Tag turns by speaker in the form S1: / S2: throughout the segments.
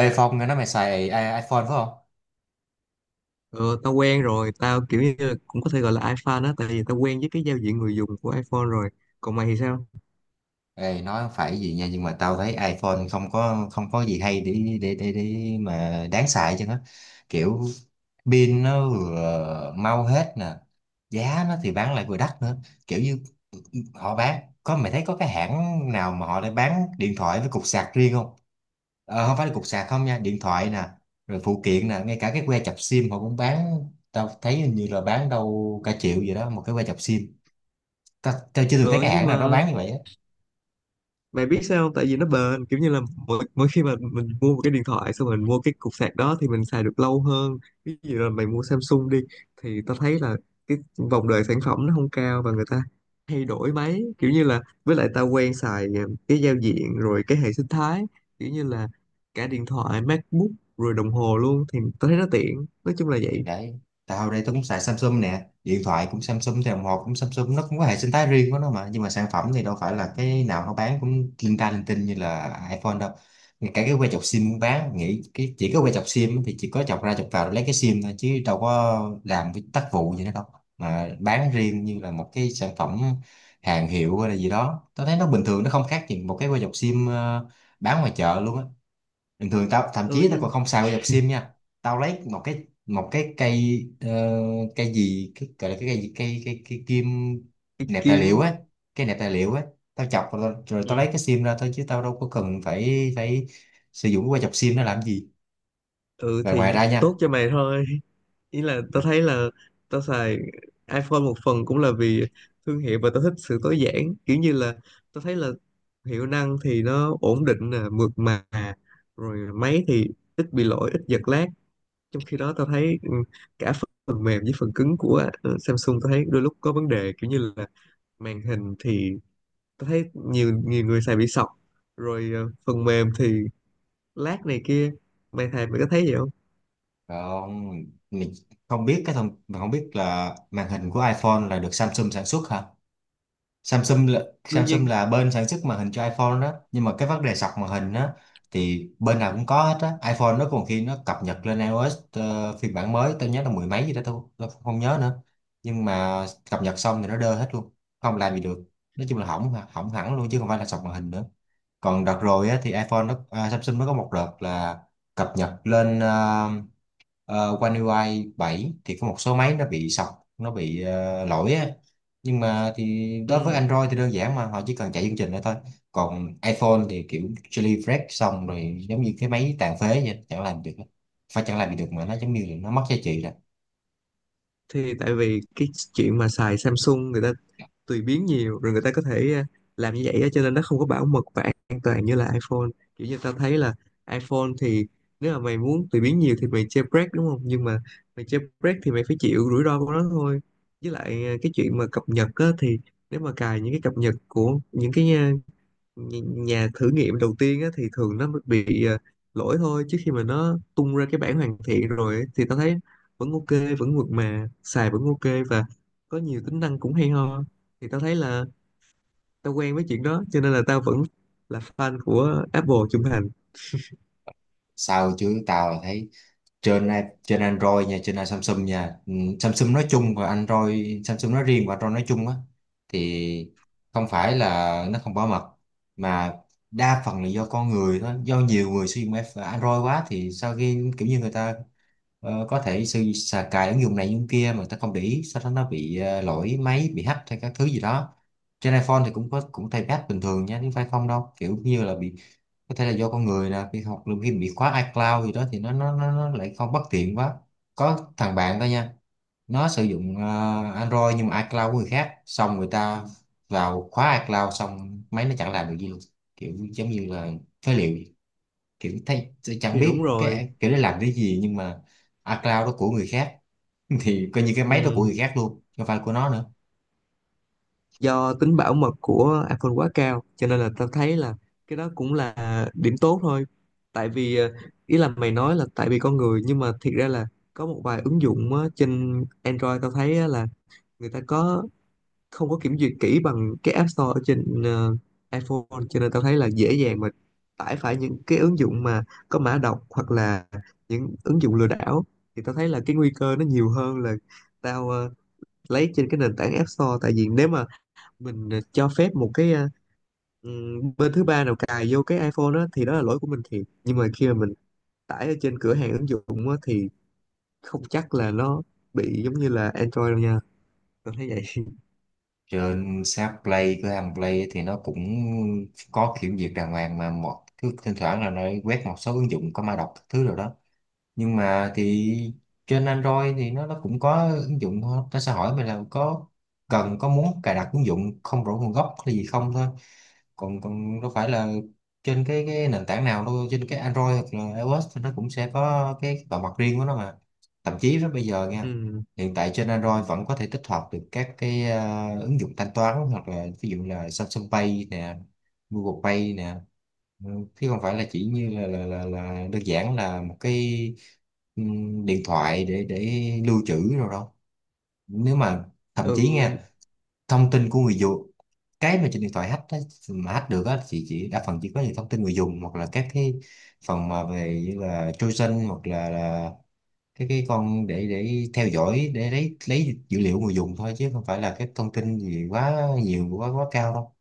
S1: Ê Phong, nghe nói mày xài iPhone phải không?
S2: Ờ, tao quen rồi, tao kiểu như là cũng có thể gọi là iFan á, tại vì tao quen với cái giao diện người dùng của iPhone rồi. Còn mày thì sao?
S1: Ê, nói phải gì nha, nhưng mà tao thấy iPhone không có gì hay để mà đáng xài chứ. Nó kiểu pin nó vừa mau hết nè, giá nó thì bán lại vừa đắt nữa, kiểu như họ bán có mày thấy có cái hãng nào mà họ đã bán điện thoại với cục sạc riêng không? Ờ, không phải là cục sạc không nha, điện thoại nè, rồi phụ kiện nè, ngay cả cái que chập sim họ cũng bán. Tao thấy hình như là bán đâu cả triệu gì đó một cái que chập sim. Tao chưa từng thấy
S2: Ờ,
S1: cái
S2: nhưng
S1: hãng nào nó
S2: mà
S1: bán như vậy á.
S2: mày biết sao không? Tại vì nó bền, kiểu như là mỗi khi mà mình mua một cái điện thoại, xong mình mua cái cục sạc đó thì mình xài được lâu hơn. Ví dụ là mày mua Samsung đi, thì tao thấy là cái vòng đời sản phẩm nó không cao và người ta thay đổi máy. Kiểu như là, với lại tao quen xài cái giao diện rồi cái hệ sinh thái, kiểu như là cả điện thoại, MacBook rồi đồng hồ luôn thì tao thấy nó tiện. Nói chung là vậy.
S1: Thì đấy, tao đây tao cũng xài Samsung nè, điện thoại cũng Samsung, thì đồng hồ cũng Samsung. Nó cũng có hệ sinh thái riêng của nó mà, nhưng mà sản phẩm thì đâu phải là cái nào nó bán cũng linh ta linh tinh như là iPhone đâu. Ngay cả cái que chọc sim cũng bán, nghĩ cái chỉ có que chọc sim thì chỉ có chọc ra chọc vào rồi lấy cái sim thôi chứ đâu có làm cái tác vụ gì nữa đâu. Mà bán riêng như là một cái sản phẩm hàng hiệu hay là gì đó, tao thấy nó bình thường, nó không khác gì một cái que chọc sim bán ngoài chợ luôn á. Bình thường tao thậm
S2: Ừ
S1: chí tao còn
S2: nhưng
S1: không xài qua dọc sim nha. Tao lấy một cái cây cây gì, cái gọi là cái cây gì? Cây cây cây kim
S2: cái
S1: nẹp tài liệu
S2: kim.
S1: á, cái nẹp tài liệu á. Tao chọc rồi, rồi tao lấy
S2: Ừ.
S1: cái sim ra thôi, chứ tao đâu có cần phải phải sử dụng qua dọc sim nó làm gì.
S2: Ừ
S1: Và
S2: thì
S1: ngoài ra nha,
S2: tốt cho mày thôi, ý là tao thấy là tao xài iPhone một phần cũng là vì thương hiệu và tao thích sự tối giản, kiểu như là tao thấy là hiệu năng thì nó ổn định nè, mượt mà, rồi máy thì ít bị lỗi, ít giật lag. Trong khi đó tao thấy cả phần mềm với phần cứng của Samsung tao thấy đôi lúc có vấn đề, kiểu như là màn hình thì tao thấy nhiều nhiều người xài bị sọc, rồi phần mềm thì lát này kia. Mày thầy mày có thấy vậy không?
S1: còn mình không biết, cái thông mình không biết là màn hình của iPhone là được Samsung sản xuất hả? Samsung là,
S2: Đương
S1: Samsung
S2: nhiên.
S1: là bên sản xuất màn hình cho iPhone đó, nhưng mà cái vấn đề sọc màn hình á thì bên nào cũng có hết á. iPhone nó còn khi nó cập nhật lên iOS phiên bản mới tôi nhớ là mười mấy gì đó, tôi không nhớ nữa. Nhưng mà cập nhật xong thì nó đơ hết luôn, không làm gì được, nói chung là hỏng hỏng hẳn luôn chứ không phải là sọc màn hình nữa. Còn đợt rồi á thì Samsung nó có một đợt là cập nhật lên One UI 7 thì có một số máy nó bị sọc, nó bị lỗi á. Nhưng mà thì đối với
S2: Ừ,
S1: Android thì đơn giản, mà họ chỉ cần chạy chương trình đó thôi. Còn iPhone thì kiểu jailbreak xong rồi giống như cái máy tàn phế vậy, chẳng làm được, phải chẳng làm gì được mà, nó giống như là nó mất giá trị rồi.
S2: thì tại vì cái chuyện mà xài Samsung người ta tùy biến nhiều, rồi người ta có thể làm như vậy á, cho nên nó không có bảo mật và an toàn như là iPhone. Kiểu như tao thấy là iPhone thì nếu mà mày muốn tùy biến nhiều thì mày jailbreak đúng không, nhưng mà mày jailbreak thì mày phải chịu rủi ro của nó thôi. Với lại cái chuyện mà cập nhật á, thì nếu mà cài những cái cập nhật của những cái nhà thử nghiệm đầu tiên á, thì thường nó bị lỗi thôi, chứ khi mà nó tung ra cái bản hoàn thiện rồi ấy, thì tao thấy vẫn ok, vẫn mượt mà, xài vẫn ok và có nhiều tính năng cũng hay ho. Thì tao thấy là tao quen với chuyện đó cho nên là tao vẫn là fan của Apple trung thành.
S1: Sao chứ, tao thấy trên a- trên Android nha, trên Samsung nha. Ừ, Samsung nói chung và Android, Samsung nói riêng và Android nói chung á thì không phải là nó không bảo mật, mà đa phần là do con người thôi. Do nhiều người sử dụng Android quá thì sau khi kiểu như người ta có thể sử xà cài ứng dụng này ứng dụng kia mà người ta không để ý, sau đó nó bị lỗi máy, bị hack hay các thứ gì đó. Trên iPhone thì cũng có, cũng thay bát bình thường nha, chứ phải không đâu, kiểu như là bị, có thể là do con người nè, khi học lúc khi bị khóa iCloud gì đó thì nó lại không, bất tiện quá. Có thằng bạn đó nha, nó sử dụng Android nhưng mà iCloud của người khác, xong người ta vào khóa iCloud xong máy nó chẳng làm được gì luôn, kiểu giống như là phế liệu vậy. Kiểu thấy tôi chẳng
S2: Thì đúng
S1: biết
S2: rồi.
S1: cái kiểu để làm cái gì, nhưng mà iCloud đó của người khác thì coi như cái máy đó của
S2: Ừ,
S1: người khác luôn, không phải của nó nữa.
S2: do tính bảo mật của iPhone quá cao cho nên là tao thấy là cái đó cũng là điểm tốt thôi. Tại vì ý là mày nói là tại vì con người, nhưng mà thiệt ra là có một vài ứng dụng á, trên Android tao thấy á, là người ta có không có kiểm duyệt kỹ bằng cái App Store ở trên iPhone, cho nên tao thấy là dễ dàng mà tải phải những cái ứng dụng mà có mã độc hoặc là những ứng dụng lừa đảo. Thì tao thấy là cái nguy cơ nó nhiều hơn là tao lấy trên cái nền tảng App Store. Tại vì nếu mà mình cho phép một cái bên thứ ba nào cài vô cái iPhone đó thì đó là lỗi của mình thiệt, nhưng mà khi mà mình tải ở trên cửa hàng ứng dụng á, thì không chắc là nó bị giống như là Android đâu nha. Tôi thấy vậy.
S1: Trên sáp play, cửa hàng play ấy thì nó cũng có kiểm duyệt đàng hoàng mà, một cứ thỉnh thoảng là nó quét một số ứng dụng có mã độc các thứ rồi đó. Nhưng mà thì trên Android thì nó cũng có ứng dụng thôi, nó sẽ hỏi mình là có cần, có muốn cài đặt ứng dụng không rõ nguồn gốc hay gì không thôi. Còn còn đâu phải là trên cái nền tảng nào đâu, trên cái Android hoặc là iOS thì nó cũng sẽ có cái bảo mật riêng của nó mà. Thậm chí với bây giờ nha,
S2: Ừm,
S1: hiện tại trên Android vẫn có thể tích hợp được các cái ứng dụng thanh toán hoặc là ví dụ là Samsung Pay nè, Google Pay nè. Ừ, chứ không phải là chỉ như là đơn giản là một cái điện thoại để lưu trữ rồi đâu. Nếu mà, thậm chí
S2: ừ
S1: nha, thông tin của người dùng, cái mà trên điện thoại hack á, mà hack được á thì chỉ đa phần chỉ có những thông tin người dùng hoặc là các cái phần mà về như là trojan hoặc là cái con để theo dõi để lấy dữ liệu người dùng thôi, chứ không phải là các thông tin gì quá nhiều quá quá cao đâu.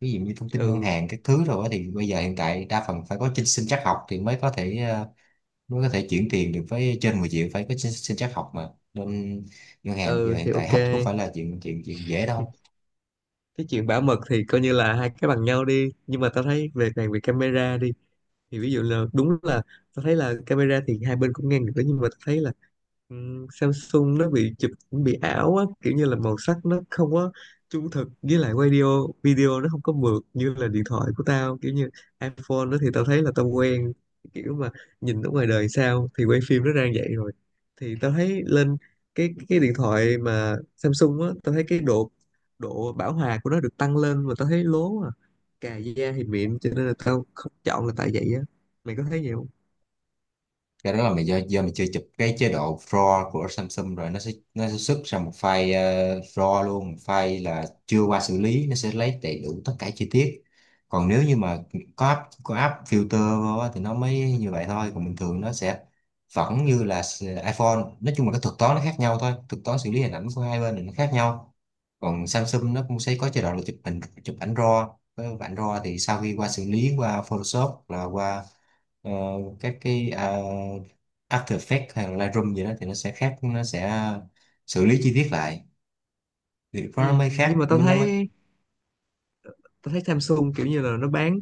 S1: Ví dụ như thông tin ngân
S2: ừ
S1: hàng các thứ rồi á thì bây giờ hiện tại đa phần phải có trên sinh trắc học thì mới có thể, mới có thể chuyển tiền được. Với trên 10 triệu phải có trên sinh trắc học mà. Nên ngân hàng bây giờ
S2: ừ
S1: hiện
S2: thì
S1: tại
S2: ok.
S1: hack cũng phải là chuyện chuyện chuyện dễ đâu.
S2: Cái chuyện bảo mật thì coi như là hai cái bằng nhau đi, nhưng mà tao thấy về càng về camera đi, thì ví dụ là đúng là tao thấy là camera thì hai bên cũng ngang được đó, nhưng mà tao thấy là Ừ, Samsung nó bị chụp cũng bị ảo á, kiểu như là màu sắc nó không có trung thực, với lại video video nó không có mượt như là điện thoại của tao, kiểu như iPhone đó. Thì tao thấy là tao quen kiểu mà nhìn ở ngoài đời sao thì quay phim nó ra vậy rồi. Thì tao thấy lên cái điện thoại mà Samsung á, tao thấy cái độ độ bảo hòa của nó được tăng lên mà tao thấy lố à, cà da thì mịn cho nên là tao không chọn là tại vậy á. Mày có thấy vậy không?
S1: Cái đó là mày do mày chưa chụp cái chế độ RAW của Samsung rồi, nó sẽ xuất ra một file RAW luôn, một file là chưa qua xử lý, nó sẽ lấy đầy đủ tất cả chi tiết. Còn nếu như mà có app filter vô á thì nó mới như vậy thôi. Còn bình thường nó sẽ vẫn như là iPhone, nói chung là cái thuật toán nó khác nhau thôi, thuật toán xử lý hình ảnh của hai bên thì nó khác nhau. Còn Samsung nó cũng sẽ có chế độ là chụp hình, chụp ảnh RAW. Với ảnh RAW thì sau khi qua xử lý qua Photoshop hoặc là qua ờ, các cái After Effects hay là Lightroom gì đó thì nó sẽ khác, nó sẽ xử lý chi tiết lại, thì lúc nó
S2: Ừ,
S1: mới
S2: nhưng
S1: khác,
S2: mà tao
S1: mới nó mới.
S2: thấy Samsung kiểu như là nó bán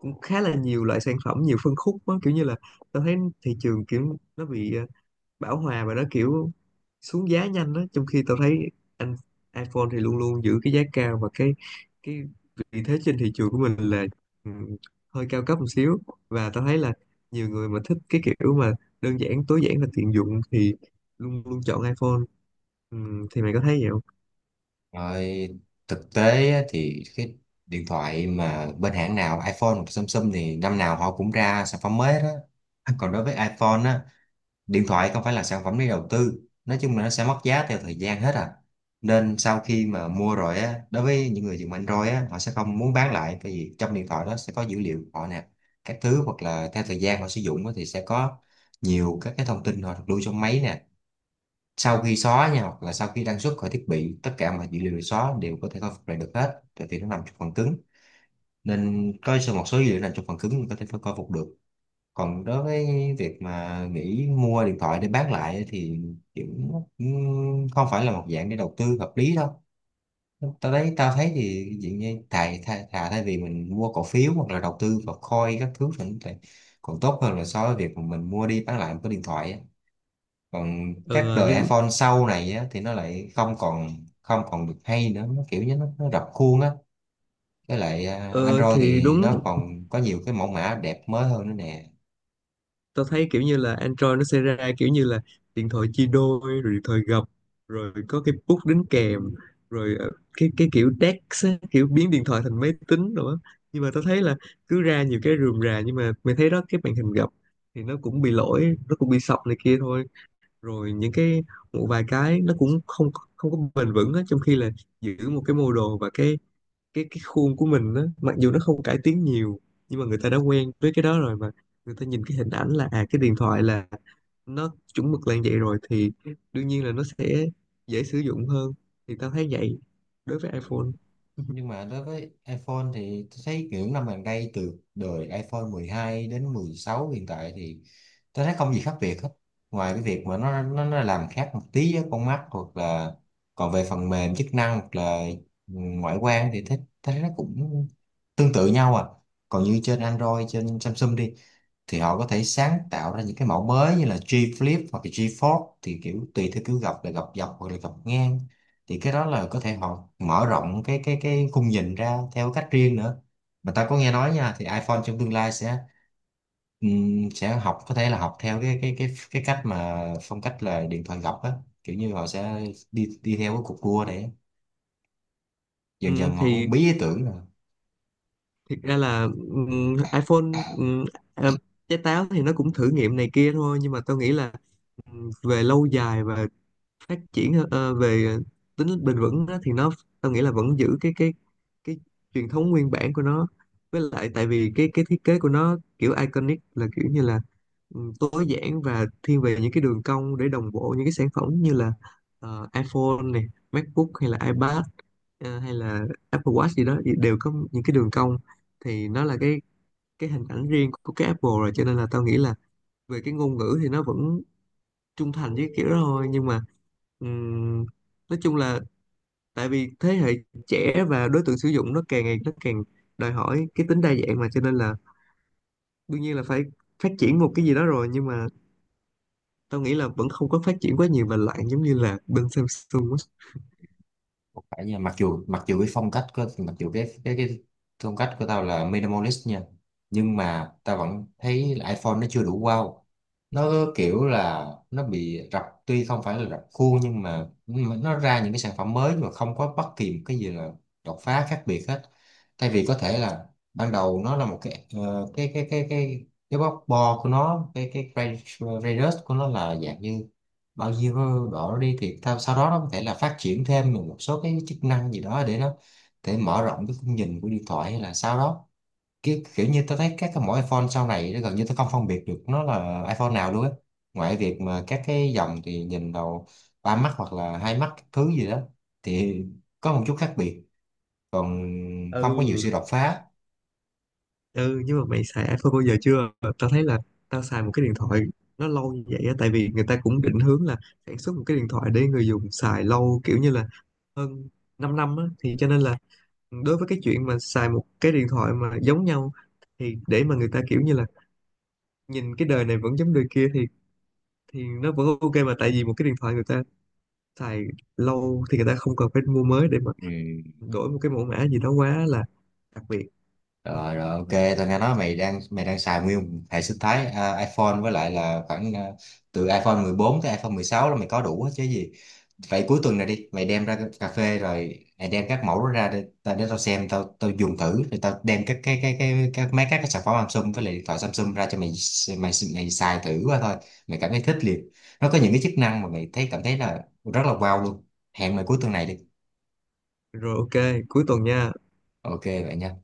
S2: cũng khá là nhiều loại sản phẩm, nhiều phân khúc đó. Kiểu như là tôi thấy thị trường kiểu nó bị bão hòa và nó kiểu xuống giá nhanh đó, trong khi tôi thấy anh iPhone thì luôn luôn giữ cái giá cao và cái vị thế trên thị trường của mình là ừ, hơi cao cấp một xíu. Và tôi thấy là nhiều người mà thích cái kiểu mà đơn giản, tối giản và tiện dụng thì luôn luôn chọn iPhone. Ừ, thì mày có thấy vậy không?
S1: Rồi, thực tế á thì cái điện thoại mà bên hãng nào iPhone hoặc Samsung thì năm nào họ cũng ra sản phẩm mới đó. Còn đối với iPhone á, điện thoại không phải là sản phẩm để đầu tư, nói chung là nó sẽ mất giá theo thời gian hết à. Nên sau khi mà mua rồi á, đối với những người dùng Android á họ sẽ không muốn bán lại, tại vì trong điện thoại đó sẽ có dữ liệu của họ nè, các thứ, hoặc là theo thời gian họ sử dụng á thì sẽ có nhiều các cái thông tin họ được lưu trong máy nè. Sau khi xóa nha, hoặc là sau khi đăng xuất khỏi thiết bị, tất cả mọi dữ liệu được xóa đều có thể khôi phục lại được hết, tại vì nó nằm trong phần cứng. Nên có một số dữ liệu nằm trong phần cứng, mình có thể khôi phục được. Còn đối với việc mà nghĩ mua điện thoại để bán lại ấy thì kiểu không phải là một dạng để đầu tư hợp lý đâu. Tao thấy thì dạng như thà thay vì mình mua cổ phiếu hoặc là đầu tư vào coin các thứ thì còn tốt hơn là so với việc mà mình mua đi bán lại một cái điện thoại á. Còn các
S2: Ờ
S1: đời
S2: nhưng
S1: iPhone sau này á thì nó lại không còn được hay nữa, nó kiểu như nó rập khuôn á. Với lại
S2: ờ
S1: Android
S2: thì
S1: thì
S2: đúng,
S1: nó còn có nhiều cái mẫu mã đẹp mới hơn nữa nè.
S2: tao thấy kiểu như là Android nó sẽ ra kiểu như là điện thoại chia đôi, rồi điện thoại gập, rồi có cái bút đính kèm, rồi cái kiểu DeX á, kiểu biến điện thoại thành máy tính rồi á. Nhưng mà tao thấy là cứ ra nhiều cái rườm rà, nhưng mà mày thấy đó cái màn hình gập thì nó cũng bị lỗi, nó cũng bị sập này kia thôi. Rồi những cái một vài cái nó cũng không không có bền vững á, trong khi là giữ một cái model và cái khuôn của mình á, mặc dù nó không cải tiến nhiều nhưng mà người ta đã quen với cái đó rồi mà. Người ta nhìn cái hình ảnh là à cái điện thoại là nó chuẩn mực là như vậy rồi, thì đương nhiên là nó sẽ dễ sử dụng hơn. Thì tao thấy vậy đối với iPhone.
S1: Nhưng mà đối với iPhone thì tôi thấy kiểu năm gần đây từ đời iPhone 12 đến 16 hiện tại thì tôi thấy không gì khác biệt hết. Ngoài cái việc mà nó làm khác một tí với con mắt, hoặc là còn về phần mềm chức năng hoặc là ngoại quan thì thấy thấy nó cũng tương tự nhau à. Còn như trên Android, trên Samsung đi thì họ có thể sáng tạo ra những cái mẫu mới như là G Flip hoặc là G Fold thì kiểu tùy theo kiểu gập là gập dọc hoặc là gập ngang. Thì cái đó là có thể họ mở rộng cái khung nhìn ra theo cách riêng nữa. Mà ta có nghe nói nha thì iPhone trong tương lai sẽ học, có thể là học theo cái cách mà phong cách là điện thoại gập á. Kiểu như họ sẽ đi đi theo cái cục cua để
S2: Ừ,
S1: dần dần họ
S2: thì
S1: cũng bí ý tưởng.
S2: thiệt ra là iPhone ừm, à, trái táo thì nó cũng thử nghiệm này kia thôi, nhưng mà tao nghĩ là về lâu dài và phát triển về tính bền vững đó, thì nó tao nghĩ là vẫn giữ cái cái truyền thống nguyên bản của nó. Với lại tại vì cái thiết kế của nó kiểu iconic, là kiểu như là tối giản và thiên về những cái đường cong để đồng bộ những cái sản phẩm như là iPhone này, MacBook hay là iPad, hay là Apple Watch gì đó thì đều có những cái đường cong. Thì nó là cái hình ảnh riêng của cái Apple rồi, cho nên là tao nghĩ là về cái ngôn ngữ thì nó vẫn trung thành với kiểu đó thôi. Nhưng mà ừm, nói chung là tại vì thế hệ trẻ và đối tượng sử dụng nó càng ngày nó càng đòi hỏi cái tính đa dạng mà, cho nên là đương nhiên là phải phát triển một cái gì đó rồi. Nhưng mà tao nghĩ là vẫn không có phát triển quá nhiều và lại giống như là bên Samsung á.
S1: Phải nha, mặc dù cái phong cách của mặc dù cái phong cách của tao là minimalist nha. Nhưng mà tao vẫn thấy là iPhone nó chưa đủ wow. Nó kiểu là nó bị rập, tuy không phải là rập khuôn, nhưng mà nó ra những cái sản phẩm mới mà không có bất kỳ một cái gì là đột phá khác biệt hết. Thay vì có thể là ban đầu nó là một cái cái bóc bo của nó, cái radius của nó là dạng như bao nhiêu độ. Nó đi thì tao, sau đó nó có thể là phát triển thêm một số cái chức năng gì đó để nó, để mở rộng cái khung nhìn của điện thoại hay là sau đó kiểu như tôi thấy các cái, mỗi iPhone sau này nó gần như tôi không phân biệt được nó là iPhone nào luôn á, ngoài việc mà các cái dòng thì nhìn đầu ba mắt hoặc là hai mắt các thứ gì đó thì có một chút khác biệt, còn không có nhiều
S2: Ừ.
S1: sự đột phá.
S2: Ừ nhưng mà mày xài iPhone bao giờ chưa? Tao thấy là tao xài một cái điện thoại nó lâu như vậy á, tại vì người ta cũng định hướng là sản xuất một cái điện thoại để người dùng xài lâu, kiểu như là hơn 5 năm á, thì cho nên là đối với cái chuyện mà xài một cái điện thoại mà giống nhau, thì để mà người ta kiểu như là nhìn cái đời này vẫn giống đời kia, thì nó vẫn ok mà, tại vì một cái điện thoại người ta xài lâu thì người ta không cần phải mua mới để mà
S1: Ừ.
S2: đổi một cái mẫu mã gì đó quá là đặc biệt.
S1: Rồi rồi ok, tao nghe nói mày đang xài nguyên hệ sinh thái iPhone, với lại là khoảng từ iPhone 14 tới iPhone 16 là mày có đủ hết chứ gì. Vậy cuối tuần này đi, mày đem ra cái cà phê rồi mày đem các mẫu đó ra để, để tao xem, tao tao dùng thử, rồi tao đem các cái các mấy các cái sản phẩm Samsung với lại điện thoại Samsung ra cho mày, mày xài thử qua thôi. Mày cảm thấy thích liền. Nó có những cái chức năng mà mày thấy cảm thấy là rất là wow luôn. Hẹn mày cuối tuần này đi.
S2: Rồi ok, cuối tuần nha.
S1: Ok vậy nha.